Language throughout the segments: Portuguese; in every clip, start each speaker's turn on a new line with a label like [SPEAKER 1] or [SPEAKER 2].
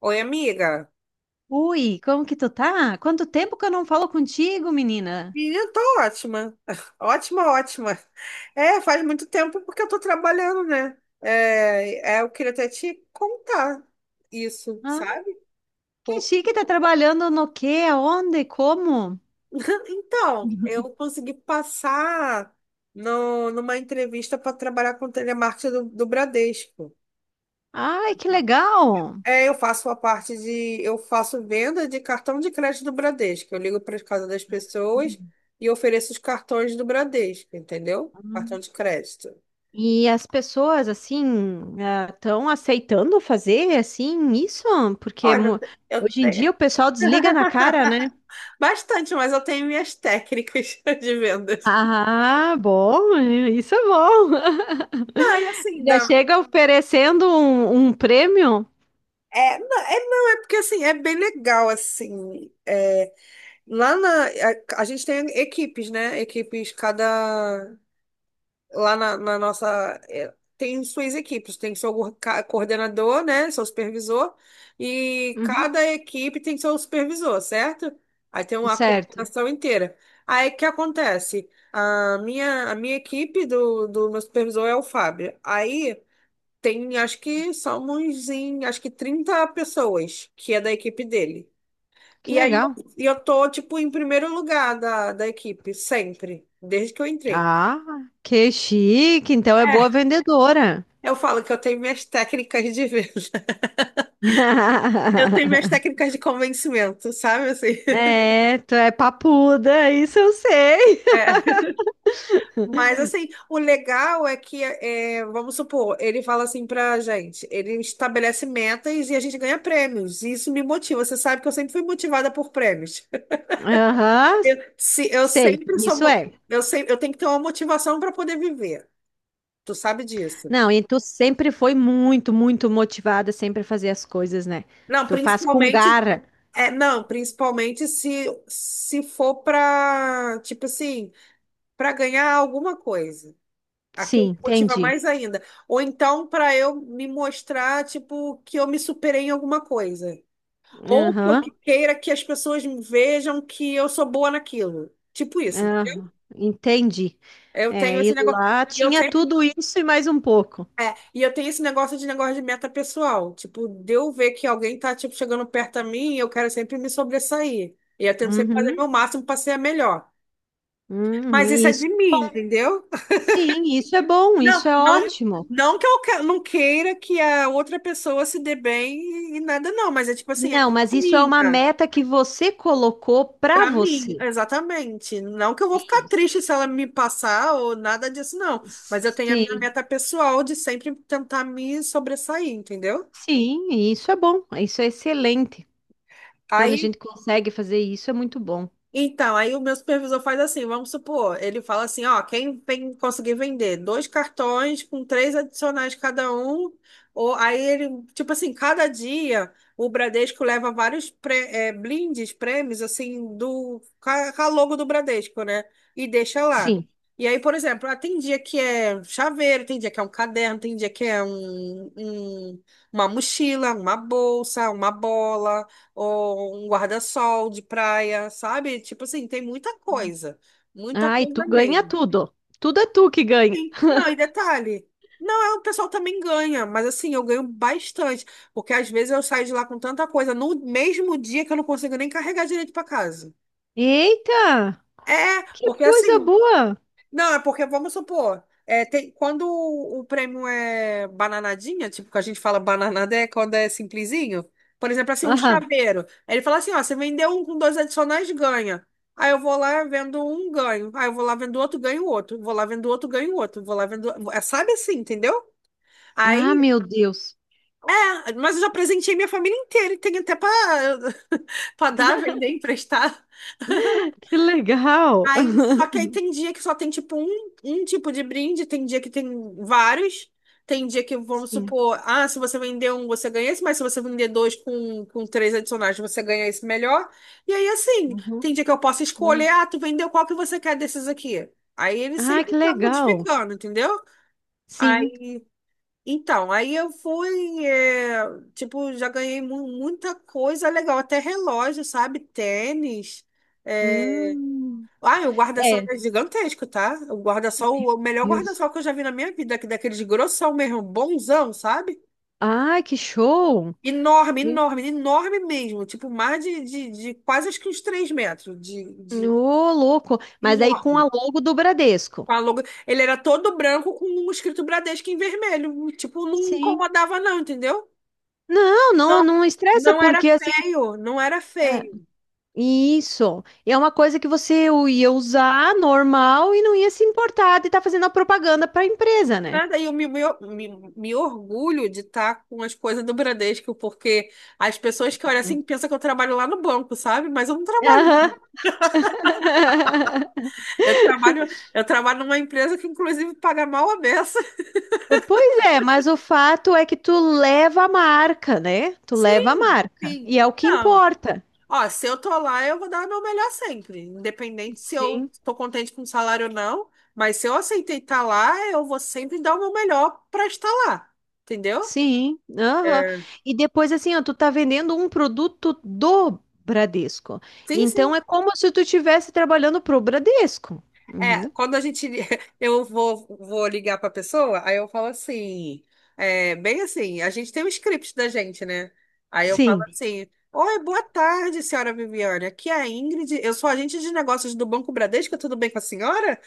[SPEAKER 1] Oi, amiga.
[SPEAKER 2] Ui, como que tu tá? Quanto tempo que eu não falo contigo, menina?
[SPEAKER 1] Menina, tô ótima. Ótima, ótima. Faz muito tempo porque eu tô trabalhando, né? Eu queria até te contar isso,
[SPEAKER 2] Ah,
[SPEAKER 1] sabe?
[SPEAKER 2] que
[SPEAKER 1] Por-
[SPEAKER 2] chique, tá trabalhando no quê? Aonde? Como?
[SPEAKER 1] Então, eu consegui passar no, numa entrevista para trabalhar com telemarketing do Bradesco.
[SPEAKER 2] Ai, que legal!
[SPEAKER 1] É, eu faço a parte de, eu faço venda de cartão de crédito do Bradesco. Eu ligo para as casas das pessoas e ofereço os cartões do Bradesco, entendeu? Cartão
[SPEAKER 2] Uhum.
[SPEAKER 1] de crédito.
[SPEAKER 2] E as pessoas, assim, estão aceitando fazer, assim, isso? Porque
[SPEAKER 1] Olha,
[SPEAKER 2] mu-
[SPEAKER 1] eu
[SPEAKER 2] Hoje em
[SPEAKER 1] tenho.
[SPEAKER 2] dia o pessoal desliga na cara, né?
[SPEAKER 1] Bastante, mas eu tenho minhas técnicas de vendas.
[SPEAKER 2] Ah, bom, isso é bom.
[SPEAKER 1] Não, e assim,
[SPEAKER 2] Já
[SPEAKER 1] dá.
[SPEAKER 2] chega oferecendo um prêmio?
[SPEAKER 1] É, não, é, não, é porque assim, é bem legal, assim. É, lá na. A gente tem equipes, né? Equipes, cada. Lá na, na nossa. É, Tem suas equipes, tem seu coordenador, né? Seu supervisor, e
[SPEAKER 2] Uhum.
[SPEAKER 1] cada equipe tem seu supervisor, certo? Aí tem uma
[SPEAKER 2] Certo,
[SPEAKER 1] coordenação inteira. Aí o que acontece? A minha equipe do meu supervisor é o Fábio. Aí tem, acho que somos em, acho que 30 pessoas que é da equipe dele.
[SPEAKER 2] que
[SPEAKER 1] E aí eu,
[SPEAKER 2] legal.
[SPEAKER 1] e eu tô, tipo, em primeiro lugar da equipe, sempre, desde que eu entrei.
[SPEAKER 2] Ah, que chique. Então é boa
[SPEAKER 1] É.
[SPEAKER 2] vendedora.
[SPEAKER 1] Eu falo que eu tenho minhas técnicas de venda. Eu tenho minhas técnicas de convencimento, sabe? Assim,
[SPEAKER 2] É, tu é papuda, isso eu sei.
[SPEAKER 1] é. Mas, assim, o legal é que, é, vamos supor, ele fala assim pra gente, ele estabelece metas e a gente ganha prêmios. E isso me motiva. Você sabe que eu sempre fui motivada por prêmios.
[SPEAKER 2] Aham,
[SPEAKER 1] Eu, se, eu
[SPEAKER 2] sei,
[SPEAKER 1] sempre sou.
[SPEAKER 2] isso
[SPEAKER 1] Mo-
[SPEAKER 2] é.
[SPEAKER 1] Eu, sempre, eu tenho que ter uma motivação para poder viver. Tu sabe disso.
[SPEAKER 2] Não, e tu sempre foi muito motivada sempre a fazer as coisas, né?
[SPEAKER 1] Não,
[SPEAKER 2] Tu faz com
[SPEAKER 1] principalmente.
[SPEAKER 2] garra.
[SPEAKER 1] É, não, principalmente se, se for pra, tipo assim, para ganhar alguma coisa. Aquilo
[SPEAKER 2] Sim,
[SPEAKER 1] me motiva
[SPEAKER 2] entendi.
[SPEAKER 1] mais ainda. Ou então para eu me mostrar, tipo, que eu me superei em alguma coisa. Ou que
[SPEAKER 2] Aham,
[SPEAKER 1] queira que as pessoas me vejam que eu sou boa naquilo. Tipo isso.
[SPEAKER 2] aham, entendi.
[SPEAKER 1] Eu tenho
[SPEAKER 2] É,
[SPEAKER 1] esse
[SPEAKER 2] e
[SPEAKER 1] negócio.
[SPEAKER 2] lá
[SPEAKER 1] E eu
[SPEAKER 2] tinha
[SPEAKER 1] sempre.
[SPEAKER 2] tudo isso e mais um pouco.
[SPEAKER 1] É, e eu tenho esse negócio de meta pessoal. Tipo, de eu ver que alguém tá, tipo, chegando perto a mim, eu quero sempre me sobressair. E eu tento sempre fazer
[SPEAKER 2] Uhum,
[SPEAKER 1] meu máximo para ser a melhor. Mas
[SPEAKER 2] uhum,
[SPEAKER 1] isso é
[SPEAKER 2] isso.
[SPEAKER 1] de mim, entendeu?
[SPEAKER 2] Sim, isso é bom,
[SPEAKER 1] Não,
[SPEAKER 2] isso é
[SPEAKER 1] não,
[SPEAKER 2] ótimo.
[SPEAKER 1] não que não queira que a outra pessoa se dê bem e nada, não, mas é tipo assim, é
[SPEAKER 2] Não, mas isso é uma
[SPEAKER 1] minha,
[SPEAKER 2] meta que você colocou para
[SPEAKER 1] pra mim,
[SPEAKER 2] você.
[SPEAKER 1] exatamente. Não que eu vou ficar triste se ela me passar ou nada disso, não. Mas eu tenho a minha
[SPEAKER 2] Sim,
[SPEAKER 1] meta pessoal de sempre tentar me sobressair, entendeu?
[SPEAKER 2] sim, e isso é bom, isso é excelente. Quando a
[SPEAKER 1] Aí
[SPEAKER 2] gente consegue fazer isso, é muito bom.
[SPEAKER 1] Então, aí o meu supervisor faz assim, vamos supor, ele fala assim, ó, quem conseguir vender dois cartões com três adicionais cada um, ou aí ele, tipo assim, cada dia o Bradesco leva vários blindes, prêmios, assim, do, com a logo do Bradesco, né? E deixa lá.
[SPEAKER 2] Sim.
[SPEAKER 1] E aí, por exemplo, ah, tem dia que é chaveiro, tem dia que é um caderno, tem dia que é uma mochila, uma bolsa, uma bola ou um guarda-sol de praia, sabe? Tipo assim, tem muita
[SPEAKER 2] Ah, e
[SPEAKER 1] coisa
[SPEAKER 2] tu ganha
[SPEAKER 1] mesmo.
[SPEAKER 2] tudo. Tudo é tu que ganha.
[SPEAKER 1] Sim. Não, e detalhe, não, é, o pessoal também ganha, mas assim, eu ganho bastante, porque às vezes eu saio de lá com tanta coisa no mesmo dia que eu não consigo nem carregar direito para casa.
[SPEAKER 2] Eita,
[SPEAKER 1] É,
[SPEAKER 2] que
[SPEAKER 1] porque
[SPEAKER 2] coisa
[SPEAKER 1] assim,
[SPEAKER 2] boa.
[SPEAKER 1] Não, é porque, vamos supor, é, tem, quando o prêmio é bananadinha, tipo, que a gente fala bananada é quando é simplesinho. Por exemplo, assim, um
[SPEAKER 2] Aham.
[SPEAKER 1] chaveiro. Aí ele fala assim, ó, você vendeu um com dois adicionais, ganha. Aí eu vou lá, vendo um, ganho. Aí eu vou lá, vendo outro, ganho outro. Vou lá, vendo outro, ganho outro. Vou lá, vendo... É, sabe assim, entendeu?
[SPEAKER 2] Ah,
[SPEAKER 1] Aí,
[SPEAKER 2] meu Deus,
[SPEAKER 1] mas eu já presenteei minha família inteira. E tenho até pra, pra dar, vender, emprestar.
[SPEAKER 2] que legal.
[SPEAKER 1] Aí, só que aí tem dia que só tem tipo um tipo de brinde, tem dia que tem vários. Tem dia que, vamos
[SPEAKER 2] Sim.
[SPEAKER 1] supor, ah, se você vender um, você ganha esse, mas se você vender dois com três adicionais, você ganha esse melhor. E aí, assim,
[SPEAKER 2] Uhum,
[SPEAKER 1] tem dia que eu posso escolher,
[SPEAKER 2] uhum.
[SPEAKER 1] ah, tu vendeu qual que você quer desses aqui. Aí ele
[SPEAKER 2] Ah,
[SPEAKER 1] sempre
[SPEAKER 2] que
[SPEAKER 1] tá
[SPEAKER 2] legal.
[SPEAKER 1] modificando, entendeu?
[SPEAKER 2] Sim.
[SPEAKER 1] Aí, então, aí eu fui, é, tipo, já ganhei muita coisa legal, até relógio, sabe? Tênis. é,
[SPEAKER 2] Hum.
[SPEAKER 1] o guarda-sol
[SPEAKER 2] É,
[SPEAKER 1] é gigantesco, tá? O guarda-sol, o melhor
[SPEAKER 2] Deus.
[SPEAKER 1] guarda-sol que eu já vi na minha vida, que daqueles grossão mesmo, bonzão, sabe?
[SPEAKER 2] Ah, que show.
[SPEAKER 1] Enorme, enorme, enorme mesmo. Tipo, mais de quase acho que uns 3 metros. De
[SPEAKER 2] Ô, louco. Mas aí com a
[SPEAKER 1] enorme.
[SPEAKER 2] logo do Bradesco.
[SPEAKER 1] Com a logo- Ele era todo branco com um escrito Bradesco em vermelho. Tipo, não
[SPEAKER 2] Sim.
[SPEAKER 1] incomodava, não, entendeu?
[SPEAKER 2] Não, não,
[SPEAKER 1] Não,
[SPEAKER 2] não estressa,
[SPEAKER 1] não era
[SPEAKER 2] porque assim.
[SPEAKER 1] feio, não era
[SPEAKER 2] É,
[SPEAKER 1] feio.
[SPEAKER 2] isso. É uma coisa que você ia usar normal e não ia se importar de estar fazendo a propaganda para a empresa, né?
[SPEAKER 1] Nada, e eu me, me, me- me orgulho de estar com as coisas do Bradesco, porque as pessoas que olham assim pensam que eu trabalho lá no banco, sabe? Mas eu não
[SPEAKER 2] Aham.
[SPEAKER 1] trabalho. Eu trabalho, eu trabalho numa empresa que, inclusive, paga mal a beça.
[SPEAKER 2] Pois é, mas o fato é que tu leva a marca, né? Tu leva a
[SPEAKER 1] Sim,
[SPEAKER 2] marca.
[SPEAKER 1] sim.
[SPEAKER 2] E é o que
[SPEAKER 1] Não.
[SPEAKER 2] importa.
[SPEAKER 1] Ó, se eu tô lá, eu vou dar o meu melhor sempre, independente se eu
[SPEAKER 2] Sim.
[SPEAKER 1] tô contente com o salário ou não. Mas se eu aceitei estar lá, eu vou sempre dar o meu melhor para estar lá, entendeu?
[SPEAKER 2] Sim, aham.
[SPEAKER 1] É.
[SPEAKER 2] E depois assim, ó, tu tá vendendo um produto do Bradesco.
[SPEAKER 1] Sim,
[SPEAKER 2] Então
[SPEAKER 1] sim.
[SPEAKER 2] é como se tu estivesse trabalhando pro Bradesco. Uhum.
[SPEAKER 1] É, quando a gente. Vou ligar pra pessoa, aí eu falo assim. É, bem assim, a gente tem um script da gente, né? Aí eu falo
[SPEAKER 2] Sim.
[SPEAKER 1] assim: Oi, boa tarde, senhora Viviane. Aqui é a Ingrid, eu sou agente de negócios do Banco Bradesco, tudo bem com a senhora?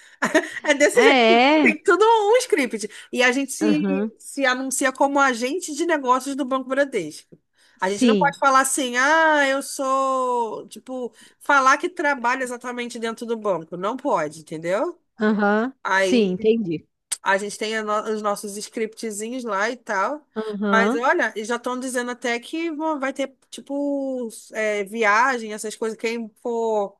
[SPEAKER 1] É desse jeito.
[SPEAKER 2] É.
[SPEAKER 1] Tem tudo um script. E a gente se,
[SPEAKER 2] Aham.
[SPEAKER 1] se anuncia como agente de negócios do Banco Bradesco. A gente não
[SPEAKER 2] Sim.
[SPEAKER 1] pode falar assim, ah, eu sou. Tipo, falar que trabalha exatamente dentro do banco. Não pode, entendeu?
[SPEAKER 2] Aham. Sim,
[SPEAKER 1] Aí
[SPEAKER 2] entendi.
[SPEAKER 1] a gente tem a os nossos scriptzinhos lá e tal. Mas
[SPEAKER 2] Aham.
[SPEAKER 1] olha, e já estão dizendo até que vai ter, tipo, é, viagem, essas coisas. Quem for.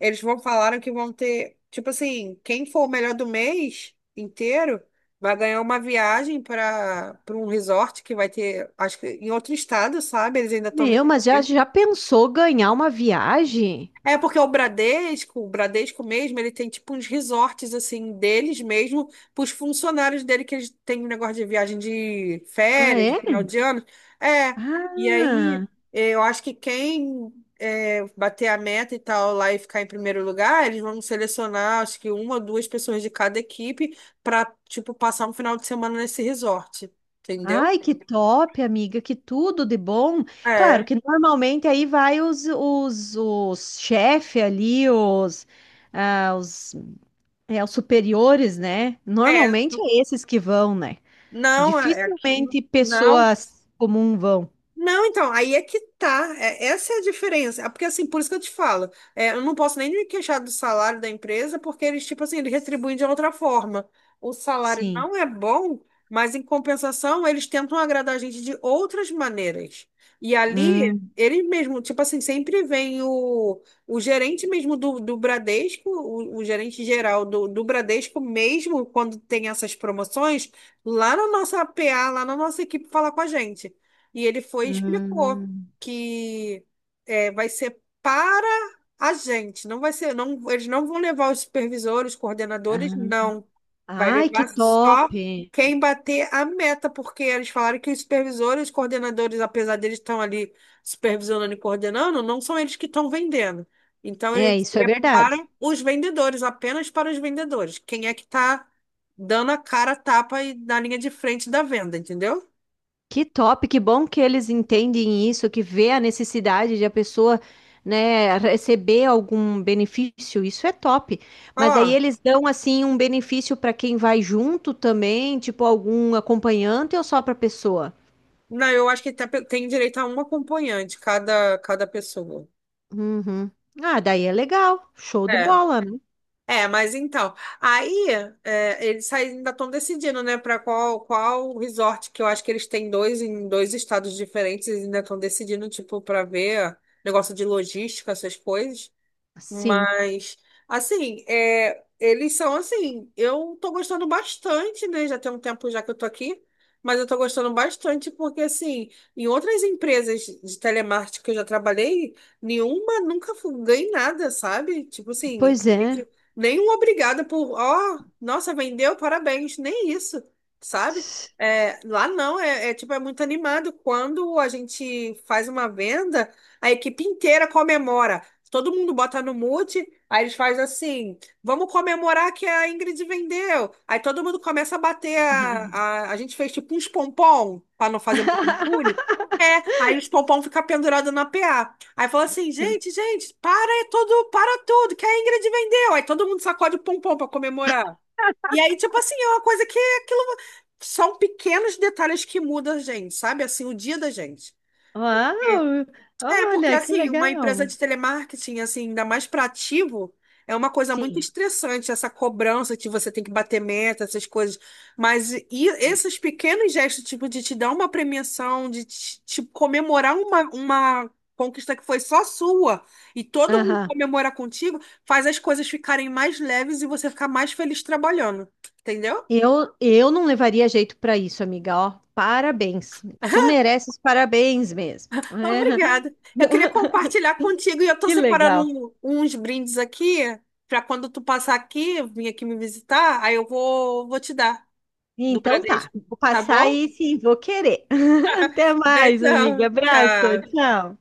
[SPEAKER 1] Eles vão falaram que vão ter. Tipo assim, quem for o melhor do mês inteiro vai ganhar uma viagem para para um resort que vai ter, acho que em outro estado, sabe? Eles ainda estão
[SPEAKER 2] Meu, mas já
[SPEAKER 1] decidindo.
[SPEAKER 2] já pensou ganhar uma viagem?
[SPEAKER 1] É porque o Bradesco mesmo, ele tem tipo uns resorts assim deles mesmo, para os funcionários dele que eles têm um negócio de viagem de
[SPEAKER 2] Ah,
[SPEAKER 1] férias, de
[SPEAKER 2] é?
[SPEAKER 1] final de ano. É, e aí
[SPEAKER 2] Ah.
[SPEAKER 1] eu acho que quem bater a meta e tal lá e ficar em primeiro lugar, eles vão selecionar acho que uma ou duas pessoas de cada equipe para tipo passar um final de semana nesse resort, entendeu?
[SPEAKER 2] Ai, que top, amiga, que tudo de bom. Claro
[SPEAKER 1] É,
[SPEAKER 2] que normalmente aí vai os chefe ali, ah, os, os superiores, né?
[SPEAKER 1] é,
[SPEAKER 2] Normalmente é esses que vão, né?
[SPEAKER 1] não, é aqui,
[SPEAKER 2] Dificilmente
[SPEAKER 1] não.
[SPEAKER 2] pessoas comuns vão.
[SPEAKER 1] Não, então, aí é que tá. Essa é a diferença. Ah, porque, assim, por isso que eu te falo, é, eu não posso nem me queixar do salário da empresa, porque eles, tipo assim, eles retribuem de outra forma. O salário
[SPEAKER 2] Sim.
[SPEAKER 1] não é bom, mas, em compensação, eles tentam agradar a gente de outras maneiras. E ali,
[SPEAKER 2] Hum,
[SPEAKER 1] eles mesmo, tipo assim, sempre vem o gerente mesmo do Bradesco, o gerente geral do Bradesco, mesmo quando tem essas promoções, lá na nossa PA, lá na nossa equipe, falar com a gente. E ele foi e explicou
[SPEAKER 2] hum.
[SPEAKER 1] que é, vai ser para a gente, não vai ser, não, eles não vão levar os supervisores, coordenadores,
[SPEAKER 2] Ah,
[SPEAKER 1] não. Vai
[SPEAKER 2] ai, que
[SPEAKER 1] levar
[SPEAKER 2] top.
[SPEAKER 1] só quem bater a meta, porque eles falaram que os supervisores, os coordenadores, apesar deles estão ali supervisionando e coordenando, não são eles que estão vendendo. Então,
[SPEAKER 2] É,
[SPEAKER 1] ele
[SPEAKER 2] isso é
[SPEAKER 1] seria para
[SPEAKER 2] verdade.
[SPEAKER 1] os vendedores, apenas para os vendedores. Quem é que está dando a cara, a tapa e na linha de frente da venda, entendeu?
[SPEAKER 2] Que top, que bom que eles entendem isso, que vê a necessidade de a pessoa, né, receber algum benefício. Isso é top. Mas daí
[SPEAKER 1] Ó,
[SPEAKER 2] eles dão assim um benefício para quem vai junto também, tipo algum acompanhante ou só para pessoa?
[SPEAKER 1] não, eu acho que tem direito a um acompanhante, cada, cada pessoa.
[SPEAKER 2] Uhum. Ah, daí é legal. Show de
[SPEAKER 1] É.
[SPEAKER 2] bola, né?
[SPEAKER 1] É, mas então, aí eles aí ainda estão decidindo, né, para qual resort que eu acho que eles têm dois em dois estados diferentes, eles ainda estão decidindo, tipo, para ver negócio de logística, essas coisas.
[SPEAKER 2] Sim.
[SPEAKER 1] Mas, assim, é, eles são assim, eu tô gostando bastante, né? Já tem um tempo já que eu tô aqui, mas eu tô gostando bastante porque, assim, em outras empresas de telemarketing que eu já trabalhei, nenhuma nunca ganhei nada, sabe? Tipo assim,
[SPEAKER 2] Pois é.
[SPEAKER 1] nenhum obrigada por, ó, nossa, vendeu, parabéns, nem isso, sabe? É, lá não, é, é tipo, é muito animado. Quando a gente faz uma venda, a equipe inteira comemora. Todo mundo bota no mute, aí eles fazem assim: vamos comemorar que a Ingrid vendeu. Aí todo mundo começa a bater. A gente fez tipo uns pompom, para não fazer muito barulho. É, aí os pompom ficam pendurados na PA. Aí fala assim: gente, gente, para é tudo, para tudo, que a Ingrid vendeu. Aí todo mundo sacode o pompom para comemorar. E aí, tipo assim, é uma coisa que aquilo. São pequenos detalhes que mudam a gente, sabe? Assim, o dia da gente.
[SPEAKER 2] Uau!
[SPEAKER 1] É, porque
[SPEAKER 2] Olha, que
[SPEAKER 1] assim, uma empresa
[SPEAKER 2] legal.
[SPEAKER 1] de telemarketing, assim, ainda mais para ativo, é uma coisa muito
[SPEAKER 2] Sim.
[SPEAKER 1] estressante, essa cobrança que você tem que bater meta, essas coisas. Mas e esses pequenos gestos, tipo, de te dar uma premiação, de te, te comemorar uma conquista que foi só sua, e todo mundo
[SPEAKER 2] Aham.
[SPEAKER 1] comemora contigo, faz as coisas ficarem mais leves e você ficar mais feliz trabalhando. Entendeu?
[SPEAKER 2] Eu não levaria jeito para isso, amiga. Ó, parabéns. Tu mereces parabéns mesmo.
[SPEAKER 1] Obrigada. Eu queria compartilhar contigo e eu estou
[SPEAKER 2] Que
[SPEAKER 1] separando
[SPEAKER 2] legal.
[SPEAKER 1] uns brindes aqui para quando tu passar aqui, vir aqui me visitar, aí eu vou te dar do
[SPEAKER 2] Então tá,
[SPEAKER 1] Bradesco,
[SPEAKER 2] vou
[SPEAKER 1] tá
[SPEAKER 2] passar
[SPEAKER 1] bom?
[SPEAKER 2] aí sim, vou querer. Até mais, amiga.
[SPEAKER 1] Beijão,
[SPEAKER 2] Abraço,
[SPEAKER 1] tchau.
[SPEAKER 2] tchau.